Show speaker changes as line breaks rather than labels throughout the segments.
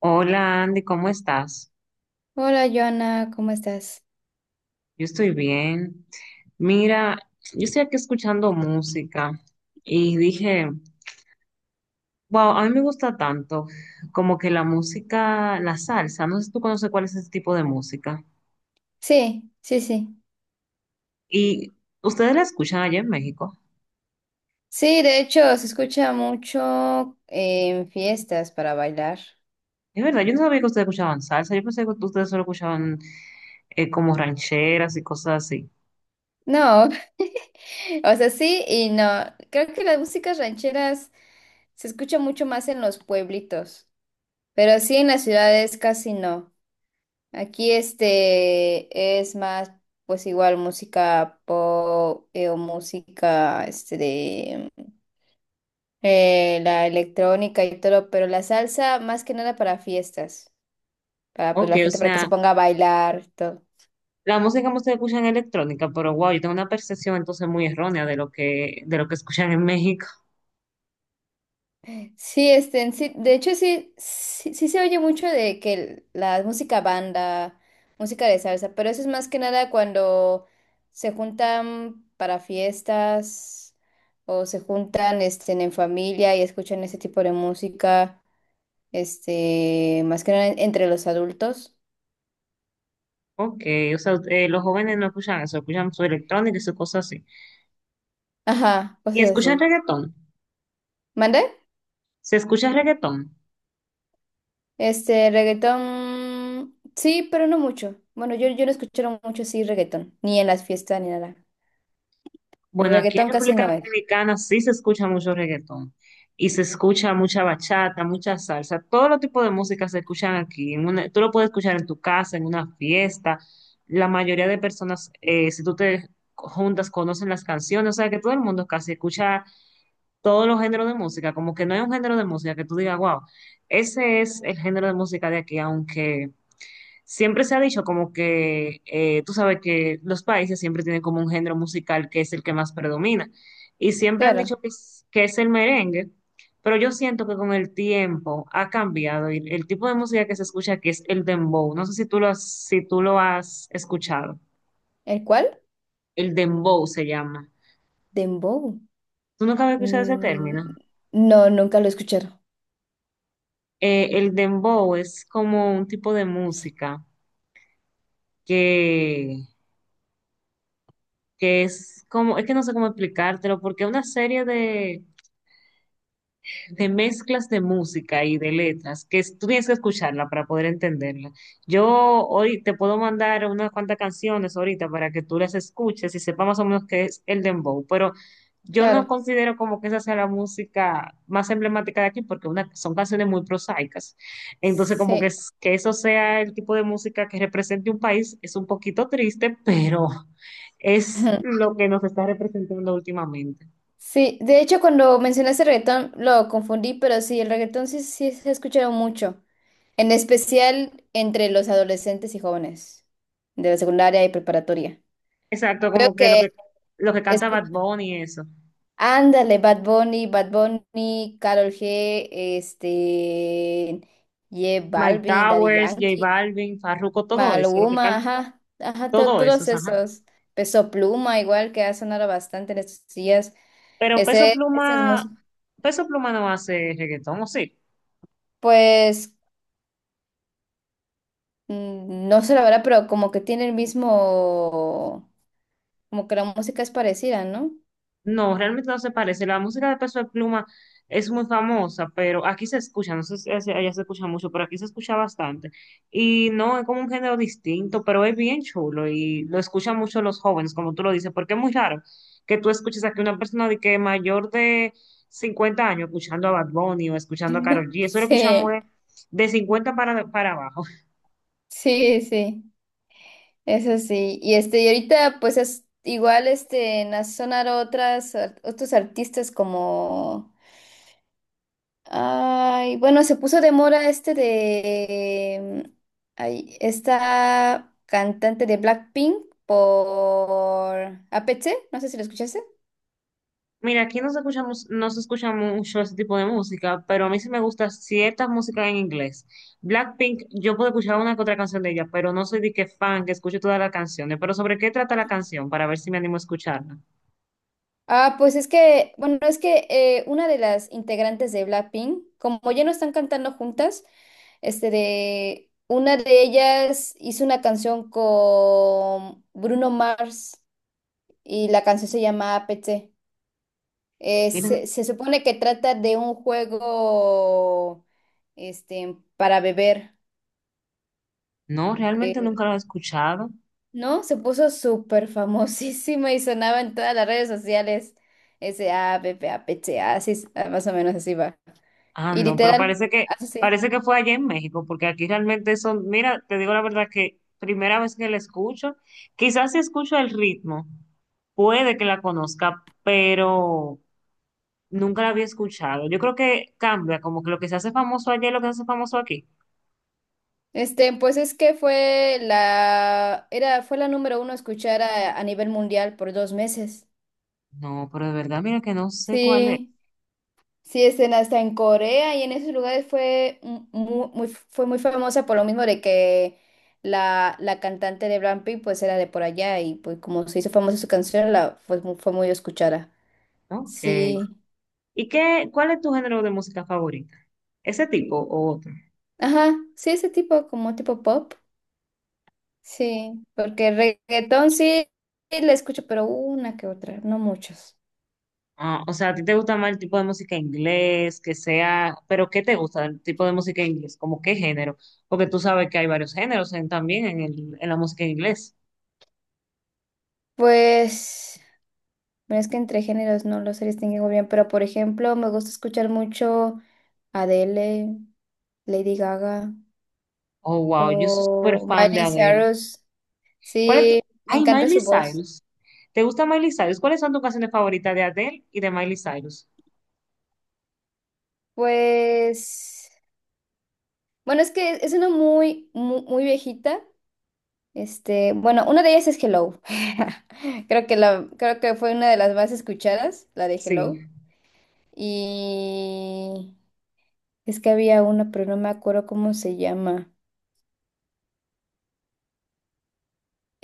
Hola, Andy, ¿cómo estás?
Hola, Joana, ¿cómo estás?
Yo estoy bien. Mira, yo estoy aquí escuchando música y dije, wow, a mí me gusta tanto como que la música, la salsa, no sé si tú conoces cuál es ese tipo de música.
Sí, sí, sí.
Y ustedes la escuchan allá en México.
Sí, de hecho, se escucha mucho en fiestas para bailar.
Es verdad, yo no sabía que ustedes escuchaban salsa, yo pensé que ustedes solo escuchaban como rancheras y cosas así.
No, o sea, sí y no. Creo que las músicas rancheras se escucha mucho más en los pueblitos, pero sí en las ciudades casi no. Aquí este es más, pues igual música pop o música este de la electrónica y todo, pero la salsa más que nada para fiestas, para pues
Ok,
la
o
gente para que se
sea,
ponga a bailar y todo.
la música que ustedes escuchan es electrónica, pero wow, yo tengo una percepción entonces muy errónea de de lo que escuchan en México.
Sí, este, en sí, de hecho sí se oye mucho de que la música banda, música de salsa, pero eso es más que nada cuando se juntan para fiestas o se juntan este, en familia y escuchan ese tipo de música, este, más que nada entre los adultos.
Ok, o sea, los jóvenes no escuchan eso, escuchan su electrónica y sus cosas así.
Ajá,
¿Y
cosas
escuchan
así.
reggaetón?
¿Mande?
¿Se escucha reggaetón?
Este, reggaetón, sí, pero no mucho. Bueno, yo no escucho mucho así reggaetón, ni en las fiestas ni nada.
Bueno, aquí en
Reggaetón casi
República
no es.
Dominicana sí se escucha mucho reggaetón y se escucha mucha bachata, mucha salsa, todo los tipos de música se escuchan aquí. En una- tú lo puedes escuchar en tu casa, en una fiesta. La mayoría de personas, si tú te juntas, conocen las canciones, o sea que todo el mundo casi escucha todos los géneros de música, como que no hay un género de música que tú digas, wow, ese es el género de música de aquí, aunque siempre se ha dicho como que, tú sabes que los países siempre tienen como un género musical que es el que más predomina. Y siempre han
Claro.
dicho que es el merengue, pero yo siento que con el tiempo ha cambiado y el tipo de música que se escucha aquí es el dembow. No sé si si tú lo has escuchado.
¿El cuál?
El dembow se llama.
Dembow.
¿Tú nunca habías escuchado ese término?
Mm, no, nunca lo escucharon.
El dembow es como un tipo de música que, que es como, es que no sé cómo explicártelo, porque es una serie de mezclas de música y de letras, que es- tú tienes que escucharla para poder entenderla. Yo hoy te puedo mandar unas cuantas canciones ahorita para que tú las escuches y sepas más o menos qué es el dembow, pero yo no
Claro.
considero como que esa sea la música más emblemática de aquí porque una, son canciones muy prosaicas. Entonces, como que,
Sí.
es- que eso sea el tipo de música que represente un país es un poquito triste, pero es lo que nos está representando últimamente.
Sí, de hecho cuando mencionaste reggaetón lo confundí, pero sí, el reggaetón sí, sí se ha escuchado mucho, en especial entre los adolescentes y jóvenes de la secundaria y preparatoria.
Exacto,
Veo
como que
que
lo que canta
escuchan
Bad Bunny y eso.
Ándale, Bad Bunny, Karol G, este, J
Mike
Balvin, Daddy
Towers, J
Yankee,
Balvin, Farruko, todo eso, lo que
Maluma,
canta,
ajá, ajá,
todo eso,
todos
ajá.
esos. Peso Pluma, igual que ha sonado bastante en estos días.
Pero Peso
Ese,
Pluma,
esa es música.
Peso Pluma no hace reggaetón, ¿o sí?
Pues, mm, no sé la verdad, pero como que tiene el mismo, como que la música es parecida, ¿no?
No, realmente no se parece. La música de Peso de Pluma es muy famosa, pero aquí se escucha, no sé si hacia allá se escucha mucho, pero aquí se escucha bastante. Y no, es como un género distinto, pero es bien chulo y lo escuchan mucho los jóvenes, como tú lo dices, porque es muy raro que tú escuches aquí una persona de que mayor de 50 años escuchando a Bad Bunny o escuchando a Karol G. Eso lo escuchamos
Sí,
de 50 para abajo.
sí, sí. Eso sí, y este, y ahorita pues es igual este en sonar otros artistas como ay, bueno, se puso de moda este de mm, ay, esta cantante de Blackpink por a APT, no sé si lo escuchaste.
Mira, aquí no se escuchamos, no se escucha mucho ese tipo de música, pero a mí sí me gusta cierta música en inglés. Blackpink, yo puedo escuchar una que otra canción de ella, pero no soy de que fan que escuche todas las canciones. Pero ¿sobre qué trata la canción? Para ver si me animo a escucharla.
Ah, pues es que, bueno, es que una de las integrantes de Blackpink, como ya no están cantando juntas, este de una de ellas hizo una canción con Bruno Mars y la canción se llama APT.
Mira,
Se supone que trata de un juego este, para beber,
no, realmente
eh,
nunca la he escuchado.
¿no? Se puso súper famosísima y sonaba en todas las redes sociales. Ese APP, APT, así, es, ah, más o menos así va.
Ah,
Y
no, pero
literal,
parece
así sí.
parece que fue allá en México, porque aquí realmente son, mira, te digo la verdad que primera vez que la escucho, quizás si escucho el ritmo, puede que la conozca, pero nunca la había escuchado. Yo creo que cambia, como que lo que se hace famoso allá es lo que se hace famoso aquí.
Este, pues es que fue la, era, fue la número uno a escuchar a nivel mundial por dos meses.
No, pero de verdad, mira que no sé cuál es.
Sí, sí, este, hasta en Corea y en esos lugares fue muy, fue muy famosa por lo mismo de que la cantante de Blackpink pues era de por allá y pues como se hizo famosa su canción, la, fue, fue muy escuchada.
Ok.
Sí,
¿Y qué, cuál es tu género de música favorita? ¿Ese tipo o otro?
ajá, sí, ese tipo, como tipo pop. Sí, porque reggaetón sí, le escucho, pero una que otra, no muchos.
Ah, o sea, ¿a ti te gusta más el tipo de música inglés, que sea, pero qué te gusta el tipo de música inglés? ¿Como qué género? Porque tú sabes que hay varios géneros en- también en, el- en la música en inglés.
Pues, bueno, es que entre géneros no los distinguen muy bien, pero por ejemplo, me gusta escuchar mucho Adele, Lady Gaga
Oh, wow, yo soy súper
o
fan de
Miley
Adele.
Cyrus.
¿Cuál es tu...
Sí, me
Ay,
encanta
Miley
su voz.
Cyrus. ¿Te gusta Miley Cyrus? ¿Cuáles son tus canciones favoritas de Adele y de Miley Cyrus?
Pues, bueno, es que es una muy viejita. Este, bueno, una de ellas es Hello. Creo que la, creo que fue una de las más escuchadas, la de
Sí.
Hello. Y es que había una, pero no me acuerdo cómo se llama.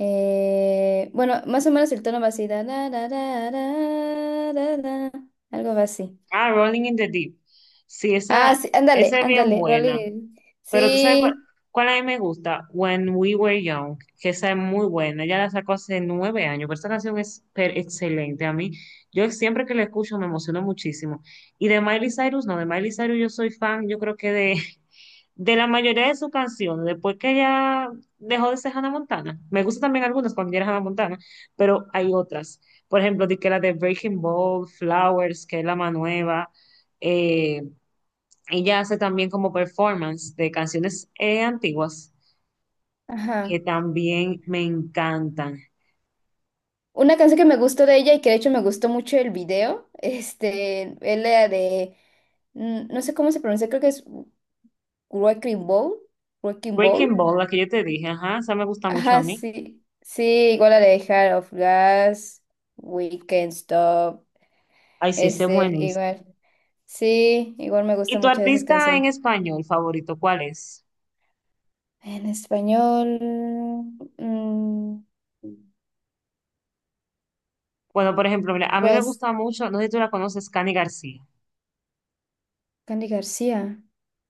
Bueno, más o menos el tono va así. Da, da, da, da, da, da, da, algo va así.
Ah, Rolling in the Deep. Sí,
Ah,
esa,
sí,
esa es bien
ándale,
buena.
Rolly.
Pero tú sabes
Sí,
cuál a mí me gusta, When We Were Young, que esa es muy buena. Ella la sacó hace 9 años, pero esta canción es per- excelente. A mí, yo siempre que la escucho me emociono muchísimo. Y de Miley Cyrus, no, de Miley Cyrus yo soy fan, yo creo que de la mayoría de sus canciones, después que ella dejó de ser Hannah Montana, me gustan también algunas cuando ella era Hannah Montana, pero hay otras. Por ejemplo, di que la de Breaking Ball, Flowers, que es la más nueva. eh, Ella hace también como performance de canciones antiguas
ajá.
que también me encantan.
Una canción que me gustó de ella y que de hecho me gustó mucho el video, este, es la de, mm, no sé cómo se pronuncia, creo que es Wrecking Ball, Wrecking Ball.
Breaking Ball, la que yo te dije, ajá, esa me gusta mucho a
Ajá,
mí.
sí. Sí, igual a la de Heart of Glass, We Can't Stop,
Ay, sí, ese es
este,
buenísimo.
igual. Sí, igual me
¿Y
gusta
tu
mucho de esas
artista en
canciones.
español favorito, cuál es?
En español, mm,
Bueno, por ejemplo, mira, a mí me
pues,
gusta mucho, no sé si tú la conoces, Cani García.
Candy García.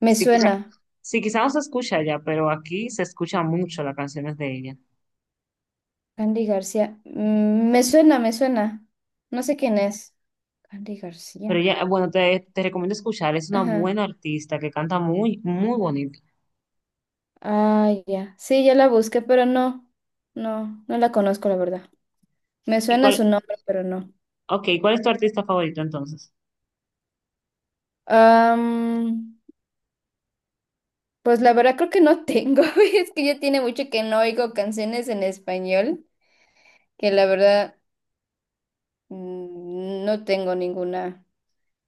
Me
Sí, quizá,
suena,
sí, quizá no se escucha ya, pero aquí se escucha mucho las canciones de ella.
Candy García. Mm, me suena. No sé quién es. Candy
Pero
García.
ella, bueno, te recomiendo escuchar, es una
Ajá.
buena artista que canta muy, muy bonito.
Ah, ya. Sí, ya la busqué, pero no la conozco, la verdad. Me
¿Y
suena
cuál,
su nombre, pero no.
okay cuál es tu artista favorito entonces?
Am, pues la verdad creo que no tengo, es que ya tiene mucho que no oigo canciones en español, que la verdad mm, no tengo ninguna.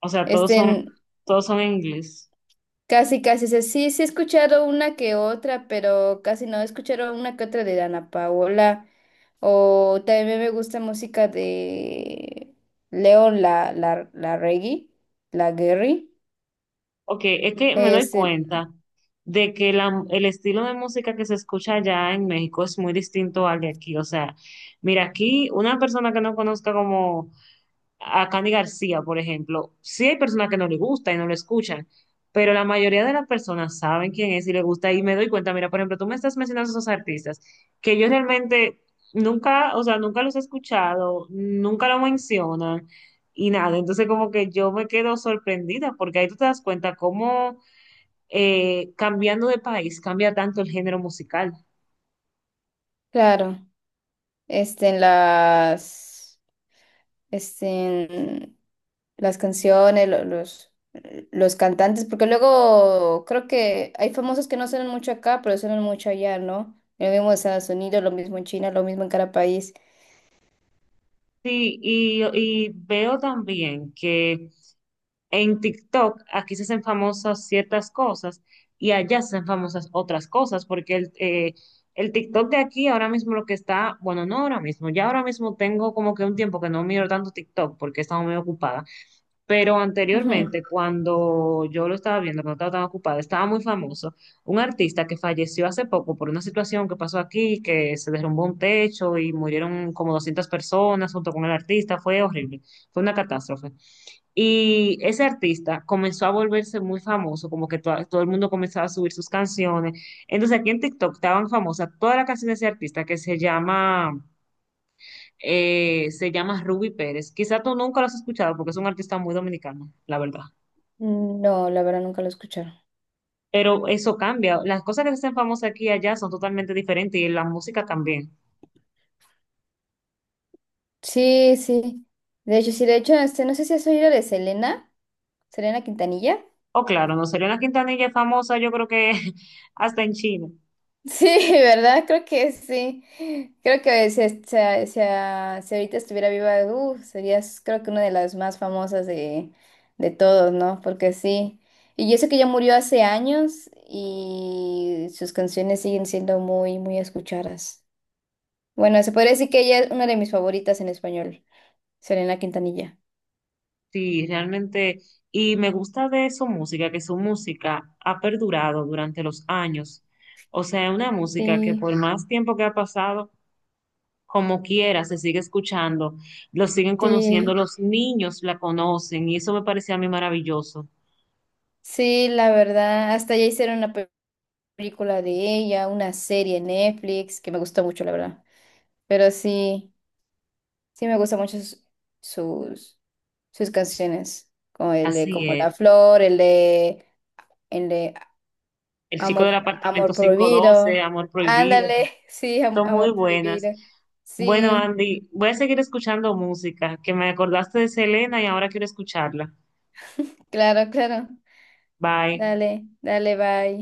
O sea,
Este, en-
todos son en inglés.
casi, casi, sé, sí he escuchado una que otra, pero casi no he escuchado una que otra de Dana Paola, o también me gusta música de León, la Reggae, la Guerri,
Ok, es que me doy
este,
cuenta de que el estilo de música que se escucha allá en México es muy distinto al de aquí. O sea, mira, aquí una persona que no conozca como a Candy García, por ejemplo, sí hay personas que no le gusta y no lo escuchan, pero la mayoría de las personas saben quién es y le gusta y me doy cuenta, mira, por ejemplo, tú me estás mencionando esos artistas que yo realmente nunca, o sea, nunca los he escuchado, nunca lo mencionan y nada, entonces como que yo me quedo sorprendida porque ahí tú te das cuenta cómo cambiando de país cambia tanto el género musical.
claro, este, en las... Este, las canciones, los cantantes, porque luego creo que hay famosos que no suenan mucho acá, pero suenan mucho allá, ¿no? Lo mismo en Estados Unidos, lo mismo en China, lo mismo en cada país.
Sí, y veo también que en TikTok, aquí se hacen famosas ciertas cosas y allá se hacen famosas otras cosas, porque el TikTok de aquí ahora mismo lo que está, bueno, no ahora mismo, ya ahora mismo tengo como que un tiempo que no miro tanto TikTok porque he estado muy ocupada, pero
Ujú.
anteriormente cuando yo lo estaba viendo, cuando estaba tan ocupada, estaba muy famoso un artista que falleció hace poco por una situación que pasó aquí, que se derrumbó un techo y murieron como 200 personas junto con el artista, fue horrible, fue una catástrofe. Y ese artista comenzó a volverse muy famoso, como que to- todo el mundo comenzaba a subir sus canciones. Entonces aquí en TikTok estaban famosas todas las canciones de ese artista se llama Ruby Pérez. Quizá tú nunca lo has escuchado porque es un artista muy dominicano, la verdad.
No, la verdad nunca lo escucharon.
Pero eso cambia. Las cosas que se hacen famosas aquí y allá son totalmente diferentes y la música también.
Sí, sí. De hecho, sí, de hecho, este, no sé si has oído de Selena Quintanilla.
Oh, claro, no sería una Quintanilla es famosa, yo creo que hasta en China.
Sí, ¿verdad? Creo que sí. Creo que si, si, si ahorita estuviera viva, serías creo que una de las más famosas de todos, ¿no? Porque sí. Y yo sé que ya murió hace años y sus canciones siguen siendo muy escuchadas. Bueno, se podría decir que ella es una de mis favoritas en español, Selena Quintanilla.
Sí, realmente, y me gusta de su música, que su música ha perdurado durante los años. O sea, es una música que
Sí,
por más tiempo que ha pasado, como quiera, se sigue escuchando, lo siguen conociendo,
sí,
los niños la conocen, y eso me parecía a mí maravilloso.
sí, la verdad. Hasta ya hicieron una película de ella, una serie en Netflix que me gustó mucho, la verdad. Pero sí, sí me gustan mucho sus, sus canciones, como el de
Así
Como
es.
la Flor, el de
El chico del
Amor,
apartamento
Amor
512,
Prohibido.
Amor Prohibido,
Ándale, sí,
son
Amor
muy buenas.
Prohibido.
Bueno,
Sí,
Andy, voy a seguir escuchando música, que me acordaste de Selena y ahora quiero escucharla.
claro, claro.
Bye.
Dale, dale, bye.